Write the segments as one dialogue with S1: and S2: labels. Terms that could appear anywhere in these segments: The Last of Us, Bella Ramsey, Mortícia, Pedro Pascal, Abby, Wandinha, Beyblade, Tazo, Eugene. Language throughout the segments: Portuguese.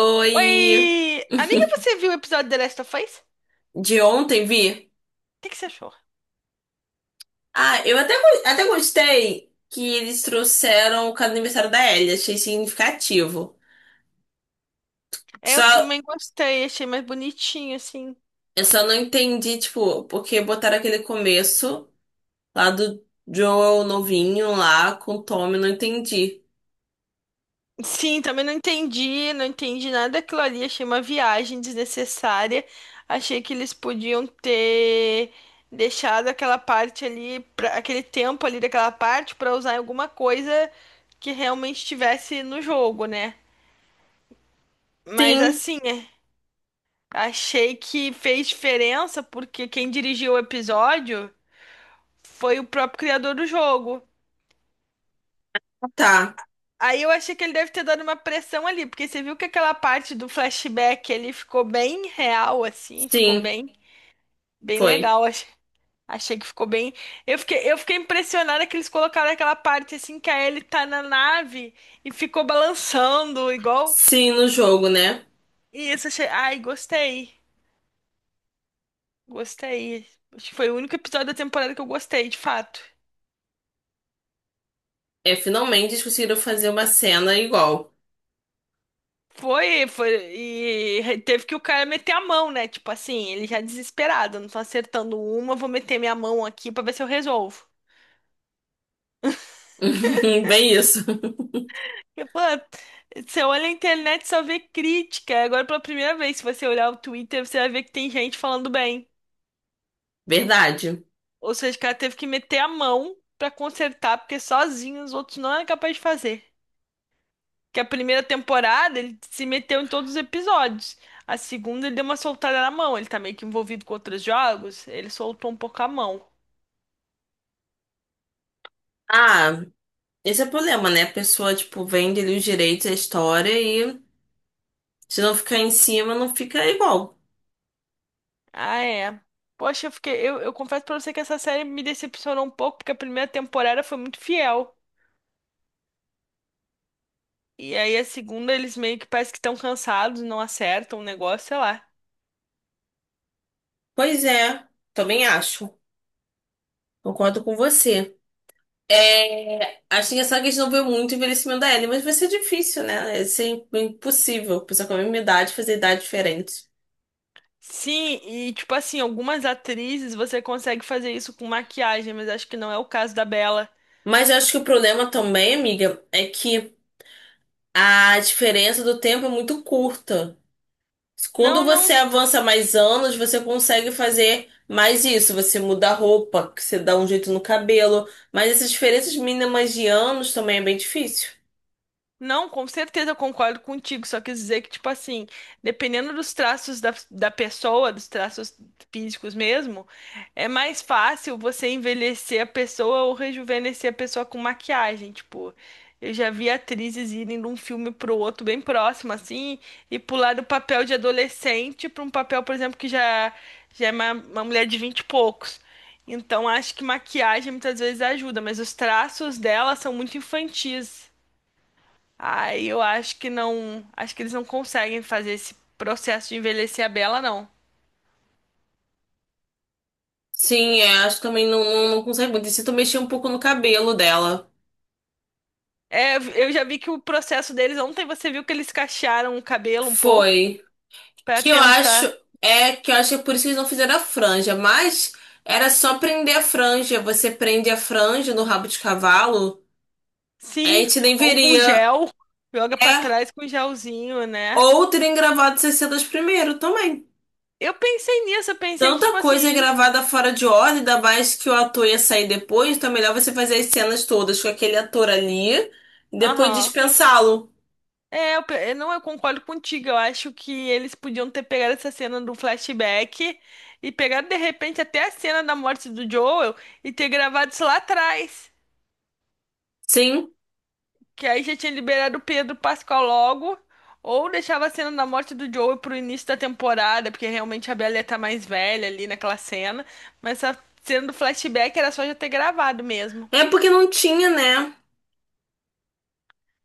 S1: Oi,
S2: Oi! Amiga, você viu o episódio The Last of Us? O
S1: de ontem vi.
S2: que que você achou?
S1: Ah, eu até, até gostei que eles trouxeram o cada aniversário da Ellie, achei significativo.
S2: É, eu
S1: Só,
S2: também gostei, achei mais bonitinho, assim.
S1: eu só não entendi, tipo, porque botaram aquele começo lá do Joel novinho lá com o Tommy, não entendi.
S2: Sim, também não entendi, não entendi nada daquilo ali, achei uma viagem desnecessária. Achei que eles podiam ter deixado aquela parte ali, aquele tempo ali daquela parte pra usar em alguma coisa que realmente estivesse no jogo, né? Mas
S1: Sim,
S2: assim, é, achei que fez diferença porque quem dirigiu o episódio foi o próprio criador do jogo.
S1: tá.
S2: Aí eu achei que ele deve ter dado uma pressão ali, porque você viu que aquela parte do flashback ele ficou bem real, assim, ficou
S1: Sim,
S2: bem, bem
S1: foi.
S2: legal. Achei que ficou bem. Eu fiquei impressionada que eles colocaram aquela parte assim que a Ellie tá na nave e ficou balançando, igual.
S1: Sim, no jogo, né?
S2: E isso achei. Ai, gostei. Gostei. Acho que foi o único episódio da temporada que eu gostei, de fato.
S1: É, finalmente eles conseguiram fazer uma cena igual.
S2: Foi, foi, e teve que o cara meter a mão, né? Tipo assim, ele já desesperado, não tô acertando uma, vou meter minha mão aqui pra ver se eu resolvo.
S1: Bem isso.
S2: Eu falo, "Ah, você olha a internet e só vê crítica. Agora, pela primeira vez, se você olhar o Twitter, você vai ver que tem gente falando bem.
S1: Verdade.
S2: Ou seja, o cara teve que meter a mão pra consertar, porque sozinho os outros não eram capazes de fazer. Que a primeira temporada ele se meteu em todos os episódios. A segunda ele deu uma soltada na mão. Ele tá meio que envolvido com outros jogos, ele soltou um pouco a mão.
S1: Ah, esse é o problema, né? A pessoa, tipo, vende ali os direitos, a história e, se não ficar em cima, não fica igual.
S2: Ah, é. Poxa, eu fiquei. Eu confesso pra você que essa série me decepcionou um pouco, porque a primeira temporada foi muito fiel. E aí a segunda, eles meio que parece que estão cansados, não acertam o negócio, sei lá.
S1: Pois é, também acho. Concordo com você. É, acho que essa questão veio muito o envelhecimento da Ellie, mas vai ser difícil, né? Vai ser impossível. Pessoa com a mesma idade fazer idade diferente.
S2: Sim, e tipo assim, algumas atrizes você consegue fazer isso com maquiagem, mas acho que não é o caso da Bella.
S1: Mas eu acho que o problema também, amiga, é que a diferença do tempo é muito curta. Quando
S2: Não, não
S1: você avança mais anos, você consegue fazer mais isso. Você muda a roupa, que você dá um jeito no cabelo. Mas essas diferenças mínimas de anos também é bem difícil.
S2: Não, com certeza eu concordo contigo. Só quis dizer que, tipo assim, dependendo dos traços da pessoa, dos traços físicos mesmo, é mais fácil você envelhecer a pessoa ou rejuvenescer a pessoa com maquiagem. Tipo, eu já vi atrizes irem de um filme pro outro bem próximo, assim, e pular do papel de adolescente pra um papel, por exemplo, que já, já é uma mulher de 20 e poucos. Então, acho que maquiagem muitas vezes ajuda, mas os traços dela são muito infantis. Aí eu acho que não. Acho que eles não conseguem fazer esse processo de envelhecer a Bela, não.
S1: Sim, é, acho que também não, não consegue muito. E se tu mexer um pouco no cabelo dela.
S2: É, eu já vi que o processo deles ontem você viu que eles cachearam o cabelo um pouco
S1: Foi.
S2: pra
S1: Que eu acho.
S2: tentar,
S1: É que eu acho que é por isso que eles não fizeram a franja. Mas era só prender a franja. Você prende a franja no rabo de cavalo. A
S2: sim,
S1: gente nem
S2: ou com
S1: veria.
S2: gel, joga pra
S1: É.
S2: trás com gelzinho, né?
S1: Ou terem gravado 60 primeiro também.
S2: Eu pensei nisso, eu pensei que
S1: Tanta
S2: tipo assim,
S1: coisa
S2: eles,
S1: gravada fora de ordem, ainda mais que o ator ia sair depois, então é melhor você fazer as cenas todas com aquele ator ali e depois
S2: aham.
S1: dispensá-lo.
S2: É, eu, eu não, eu concordo contigo. Eu acho que eles podiam ter pegado essa cena do flashback e pegado de repente até a cena da morte do Joel e ter gravado isso lá atrás.
S1: Sim.
S2: Que aí já tinha liberado o Pedro Pascal logo, ou deixava a cena da morte do Joey pro início da temporada, porque realmente a Bella ia tá mais velha ali naquela cena. Mas a cena do flashback era só já ter gravado mesmo.
S1: É porque não tinha, né?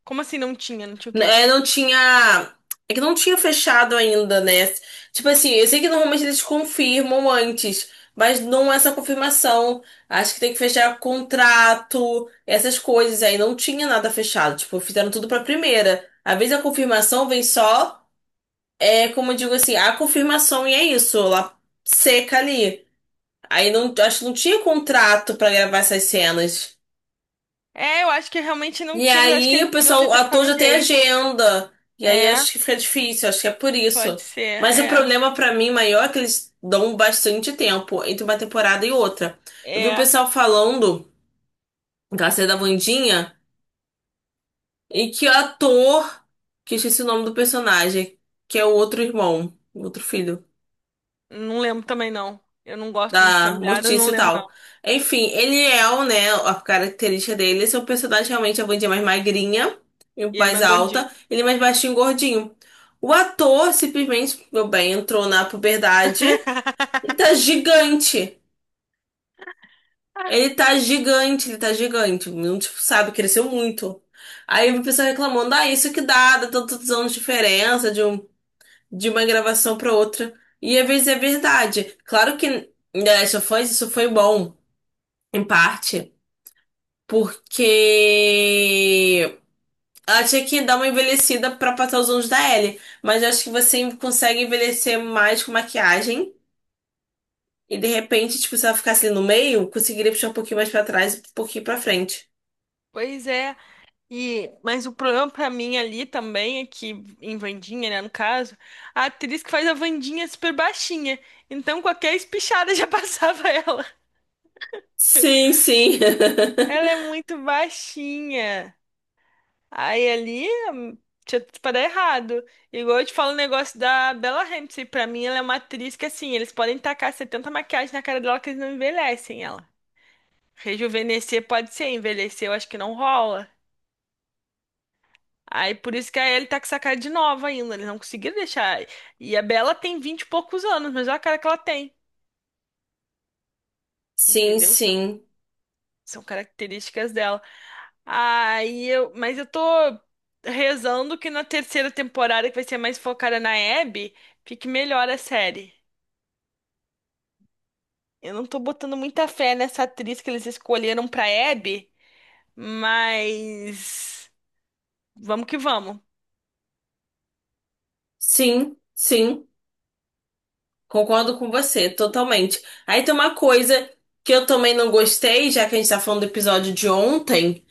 S2: Como assim não tinha? Não tinha o quê?
S1: É, não tinha. É que não tinha fechado ainda, né? Tipo assim, eu sei que normalmente eles confirmam antes, mas não é essa confirmação. Acho que tem que fechar contrato, essas coisas aí. Não tinha nada fechado. Tipo, fizeram tudo pra primeira. Às vezes a confirmação vem só. É como eu digo assim, a confirmação e é isso, ela seca ali. Aí não, acho que não tinha contrato pra gravar essas cenas.
S2: É, eu acho que realmente não
S1: E
S2: tinha, mas acho que
S1: aí o
S2: eles podiam
S1: pessoal,
S2: ter
S1: o ator
S2: tentado um
S1: já tem
S2: jeito.
S1: agenda. E aí
S2: É,
S1: acho que fica difícil, acho que é por isso.
S2: pode ser,
S1: Mas o
S2: é.
S1: problema pra mim maior é que eles dão bastante tempo entre uma temporada e outra. Eu vi o
S2: É,
S1: pessoal falando, aquela cena da Wandinha, e que o ator, que eu esqueci o nome do personagem, que é o outro irmão, o outro filho
S2: não lembro também não. Eu não gosto muito de
S1: da
S2: familiares, não
S1: Mortícia e
S2: lembro
S1: tal.
S2: não.
S1: Enfim, ele é, o, né, a característica dele, esse é o personagem, realmente é a Wandinha mais magrinha e
S2: E ele
S1: mais
S2: mais gordinho.
S1: alta, ele é mais baixinho e gordinho. O ator simplesmente, meu bem, entrou na puberdade e tá gigante. Ele tá gigante, ele tá gigante. Não, tipo, sabe, cresceu muito. Aí
S2: E,
S1: o pessoal reclamando, ah, isso que dá, dá tantos anos de diferença de, um, de uma gravação pra outra. E às vezes é verdade. Claro que em The Last of Us isso foi bom. Em parte, porque ela tinha que dar uma envelhecida pra passar os anos da Ellie. Mas eu acho que você consegue envelhecer mais com maquiagem. E de repente, tipo, se ela ficasse ali no meio, conseguiria puxar um pouquinho mais pra trás e um pouquinho pra frente.
S2: pois é. E, mas o problema pra mim ali também é que, em Wandinha, né, no caso, a atriz que faz a Wandinha é super baixinha. Então qualquer espichada já passava ela.
S1: Sim, sim.
S2: Ela é muito baixinha. Aí ali tinha tudo pra dar errado. Igual eu te falo o negócio da Bella Ramsey. Pra mim, ela é uma atriz que, assim, eles podem tacar 70 maquiagens na cara dela que eles não envelhecem ela. Rejuvenescer pode ser, envelhecer eu acho que não rola. Aí por isso que a Ellie tá com essa cara de nova ainda. Eles não conseguiram deixar. E a Bella tem 20 e poucos anos, mas olha a cara que ela tem.
S1: Sim,
S2: Entendeu? São,
S1: sim.
S2: são características dela. Aí eu, mas eu tô rezando que na terceira temporada, que vai ser mais focada na Abby, fique melhor a série. Eu não tô botando muita fé nessa atriz que eles escolheram pra Abby, mas vamos que vamos.
S1: Sim, sim. Concordo com você, totalmente. Aí tem uma coisa que eu também não gostei, já que a gente tá falando do episódio de ontem,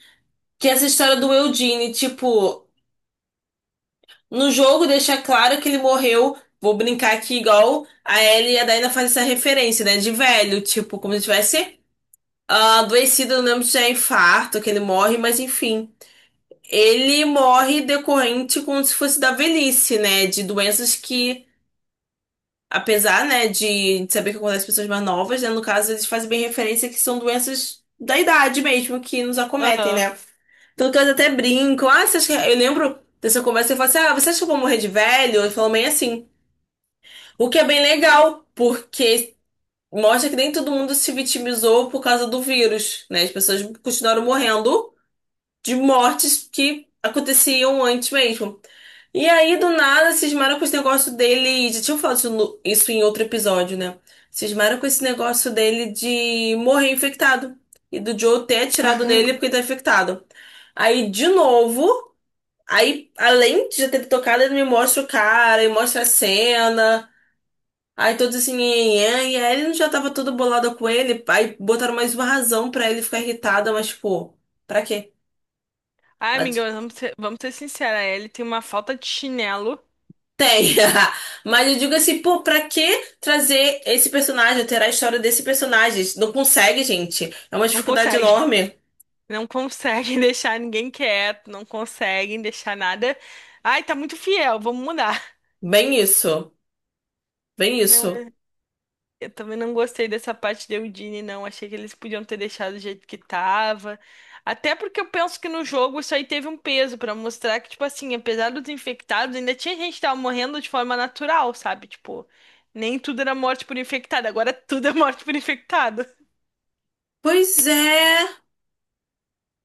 S1: que é essa história do Eugene, tipo. No jogo deixa claro que ele morreu. Vou brincar aqui igual a Ellie e a Dina fazem essa referência, né? De velho, tipo, como se tivesse ah, adoecido, eu não lembro se é infarto, que ele morre, mas enfim. Ele morre decorrente como se fosse da velhice, né? De doenças que, apesar, né, de saber que acontece com pessoas mais novas, né? No caso, eles fazem bem referência que são doenças da idade mesmo que nos acometem,
S2: Aham.
S1: né? Tanto que eles até brincam. Ah, você acha que... Eu lembro dessa conversa e eu falo assim: Ah, você acha que eu vou morrer de velho? Ele falou meio assim. O que é bem legal, porque mostra que nem todo mundo se vitimizou por causa do vírus, né? As pessoas continuaram morrendo de mortes que aconteciam antes mesmo. E aí, do nada, cismaram com esse negócio dele. Já tinham falado isso, isso em outro episódio, né? Cismaram com esse negócio dele de morrer infectado. E do Joe ter atirado nele porque ele tá infectado. Aí, de novo, aí, além de já ter tocado, ele me mostra o cara e mostra a cena. Aí todos assim, "Nhanhã", e a Ellen já tava toda bolada com ele. Aí botaram mais uma razão pra ele ficar irritada, mas, pô, pra quê?
S2: Ai,
S1: Ela
S2: amiga,
S1: disse,
S2: mas vamos ser sinceros, a Ellie tem uma falta de chinelo.
S1: tem. Mas eu digo assim, pô, pra que trazer esse personagem, alterar a história desse personagem? Não consegue, gente. É uma
S2: Não
S1: dificuldade
S2: consegue.
S1: enorme.
S2: Não conseguem deixar ninguém quieto, não conseguem deixar nada. Ai, tá muito fiel, vamos mudar.
S1: Bem isso. Bem
S2: Não,
S1: isso.
S2: eu também não gostei dessa parte de Eudine, não. Achei que eles podiam ter deixado do jeito que tava. Até porque eu penso que no jogo isso aí teve um peso pra mostrar que, tipo assim, apesar dos infectados, ainda tinha gente que tava morrendo de forma natural, sabe? Tipo, nem tudo era morte por infectado, agora tudo é morte por infectado.
S1: Pois é.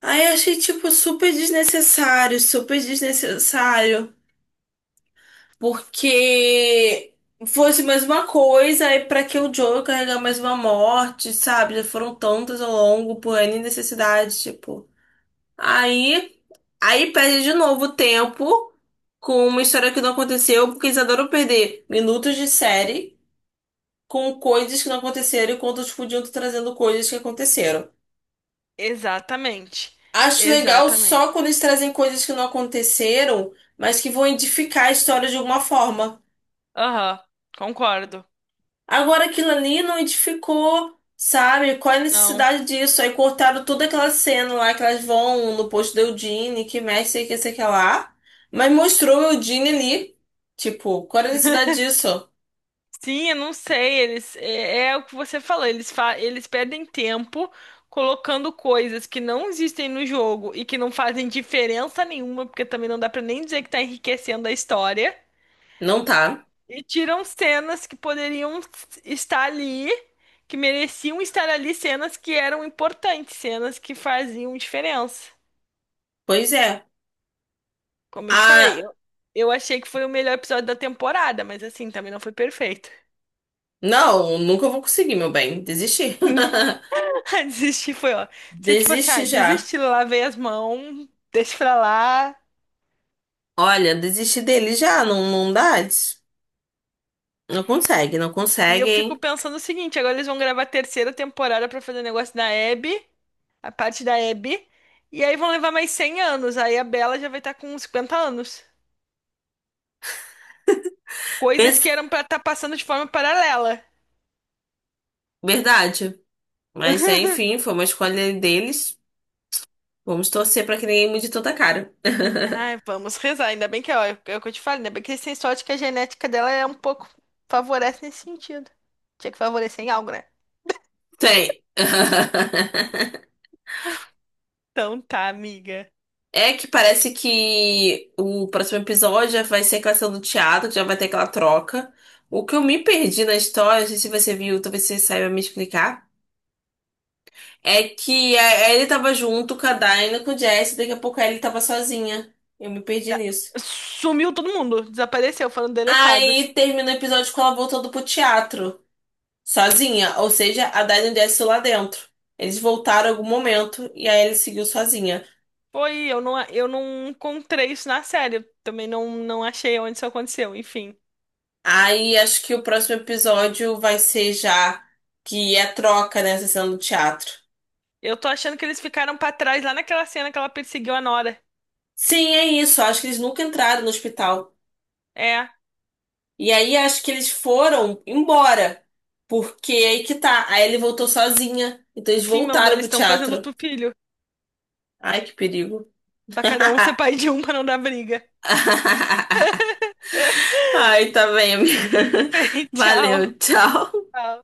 S1: Aí eu achei, tipo, super desnecessário, super desnecessário. Porque fosse mais uma coisa, e pra que o Joe carregar mais uma morte, sabe? Já foram tantas ao longo, por N necessidades, tipo. Aí, aí perde de novo tempo com uma história que não aconteceu, porque eles adoram perder minutos de série com coisas que não aconteceram, enquanto eles podiam estar trazendo coisas que aconteceram.
S2: Exatamente.
S1: Acho legal
S2: Exatamente.
S1: só quando eles trazem coisas que não aconteceram, mas que vão edificar a história de alguma forma.
S2: Aham, concordo.
S1: Agora aquilo ali não edificou, sabe? Qual é a
S2: Não.
S1: necessidade disso? Aí cortaram toda aquela cena lá que elas vão no posto da Eugene, que mexe, sei que lá. Mas mostrou o Eugene ali. Tipo, qual é a necessidade disso?
S2: Sim, eu não sei, eles é, é o que você falou, eles fa eles perdem tempo colocando coisas que não existem no jogo e que não fazem diferença nenhuma, porque também não dá pra nem dizer que tá enriquecendo a história,
S1: Não tá.
S2: e tiram cenas que poderiam estar ali, que mereciam estar ali, cenas que eram importantes, cenas que faziam diferença.
S1: Pois é.
S2: Como eu te
S1: Ah,
S2: falei, eu achei que foi o melhor episódio da temporada, mas assim, também não foi perfeito.
S1: não, nunca vou conseguir, meu bem. Desisti.
S2: Desistir foi, ó. Você, tipo assim, ah,
S1: Desisti já.
S2: desisti, lavei as mãos, deixa pra lá.
S1: Olha, desisti dele já. Não, não dá. Não consegue, não
S2: E eu
S1: consegue,
S2: fico
S1: hein?
S2: pensando o seguinte: agora eles vão gravar a terceira temporada pra fazer o negócio da Abby, a parte da Abby. E aí vão levar mais 100 anos. Aí a Bella já vai estar com 50 anos. Coisas que
S1: Pensa...
S2: eram pra estar passando de forma paralela.
S1: Verdade. Mas é, enfim, foi uma escolha deles. Vamos torcer pra que ninguém mude toda a cara.
S2: Ai, vamos rezar. Ainda bem que, ó, é o que eu te falo, ainda bem que eles têm sorte que a genética dela é um pouco favorece nesse sentido. Tinha que favorecer em algo, né?
S1: Tem.
S2: Então tá, amiga.
S1: É que parece que o próximo episódio já vai ser a questão do teatro, que já vai ter aquela troca. O que eu me perdi na história, não sei se você viu, talvez você saiba me explicar, é que ele tava junto com a Dinah, com o Jesse, daqui a pouco ele tava sozinha. Eu me perdi nisso.
S2: Sumiu todo mundo, desapareceu, foram deletados.
S1: Aí termina o episódio com ela voltando pro teatro, sozinha, ou seja, a Dinah e o Jesse lá dentro. Eles voltaram em algum momento e aí ele seguiu sozinha.
S2: Foi, eu não encontrei isso na série. Eu também não, não achei onde isso aconteceu, enfim.
S1: Aí acho que o próximo episódio vai ser já que é a troca, né? A sessão do teatro.
S2: Eu tô achando que eles ficaram pra trás lá naquela cena que ela perseguiu a Nora.
S1: Sim, é isso. Acho que eles nunca entraram no hospital.
S2: É,
S1: E aí acho que eles foram embora. Porque é aí que tá. Aí ele voltou sozinha. Então eles
S2: sim, meu amor,
S1: voltaram
S2: eles
S1: pro
S2: estão fazendo
S1: teatro.
S2: tu filho.
S1: Ai, que perigo.
S2: Pra cada um ser pai de um pra não dar briga.
S1: Ai, tá bem, amiga.
S2: Tchau.
S1: Valeu, tchau.
S2: Tchau.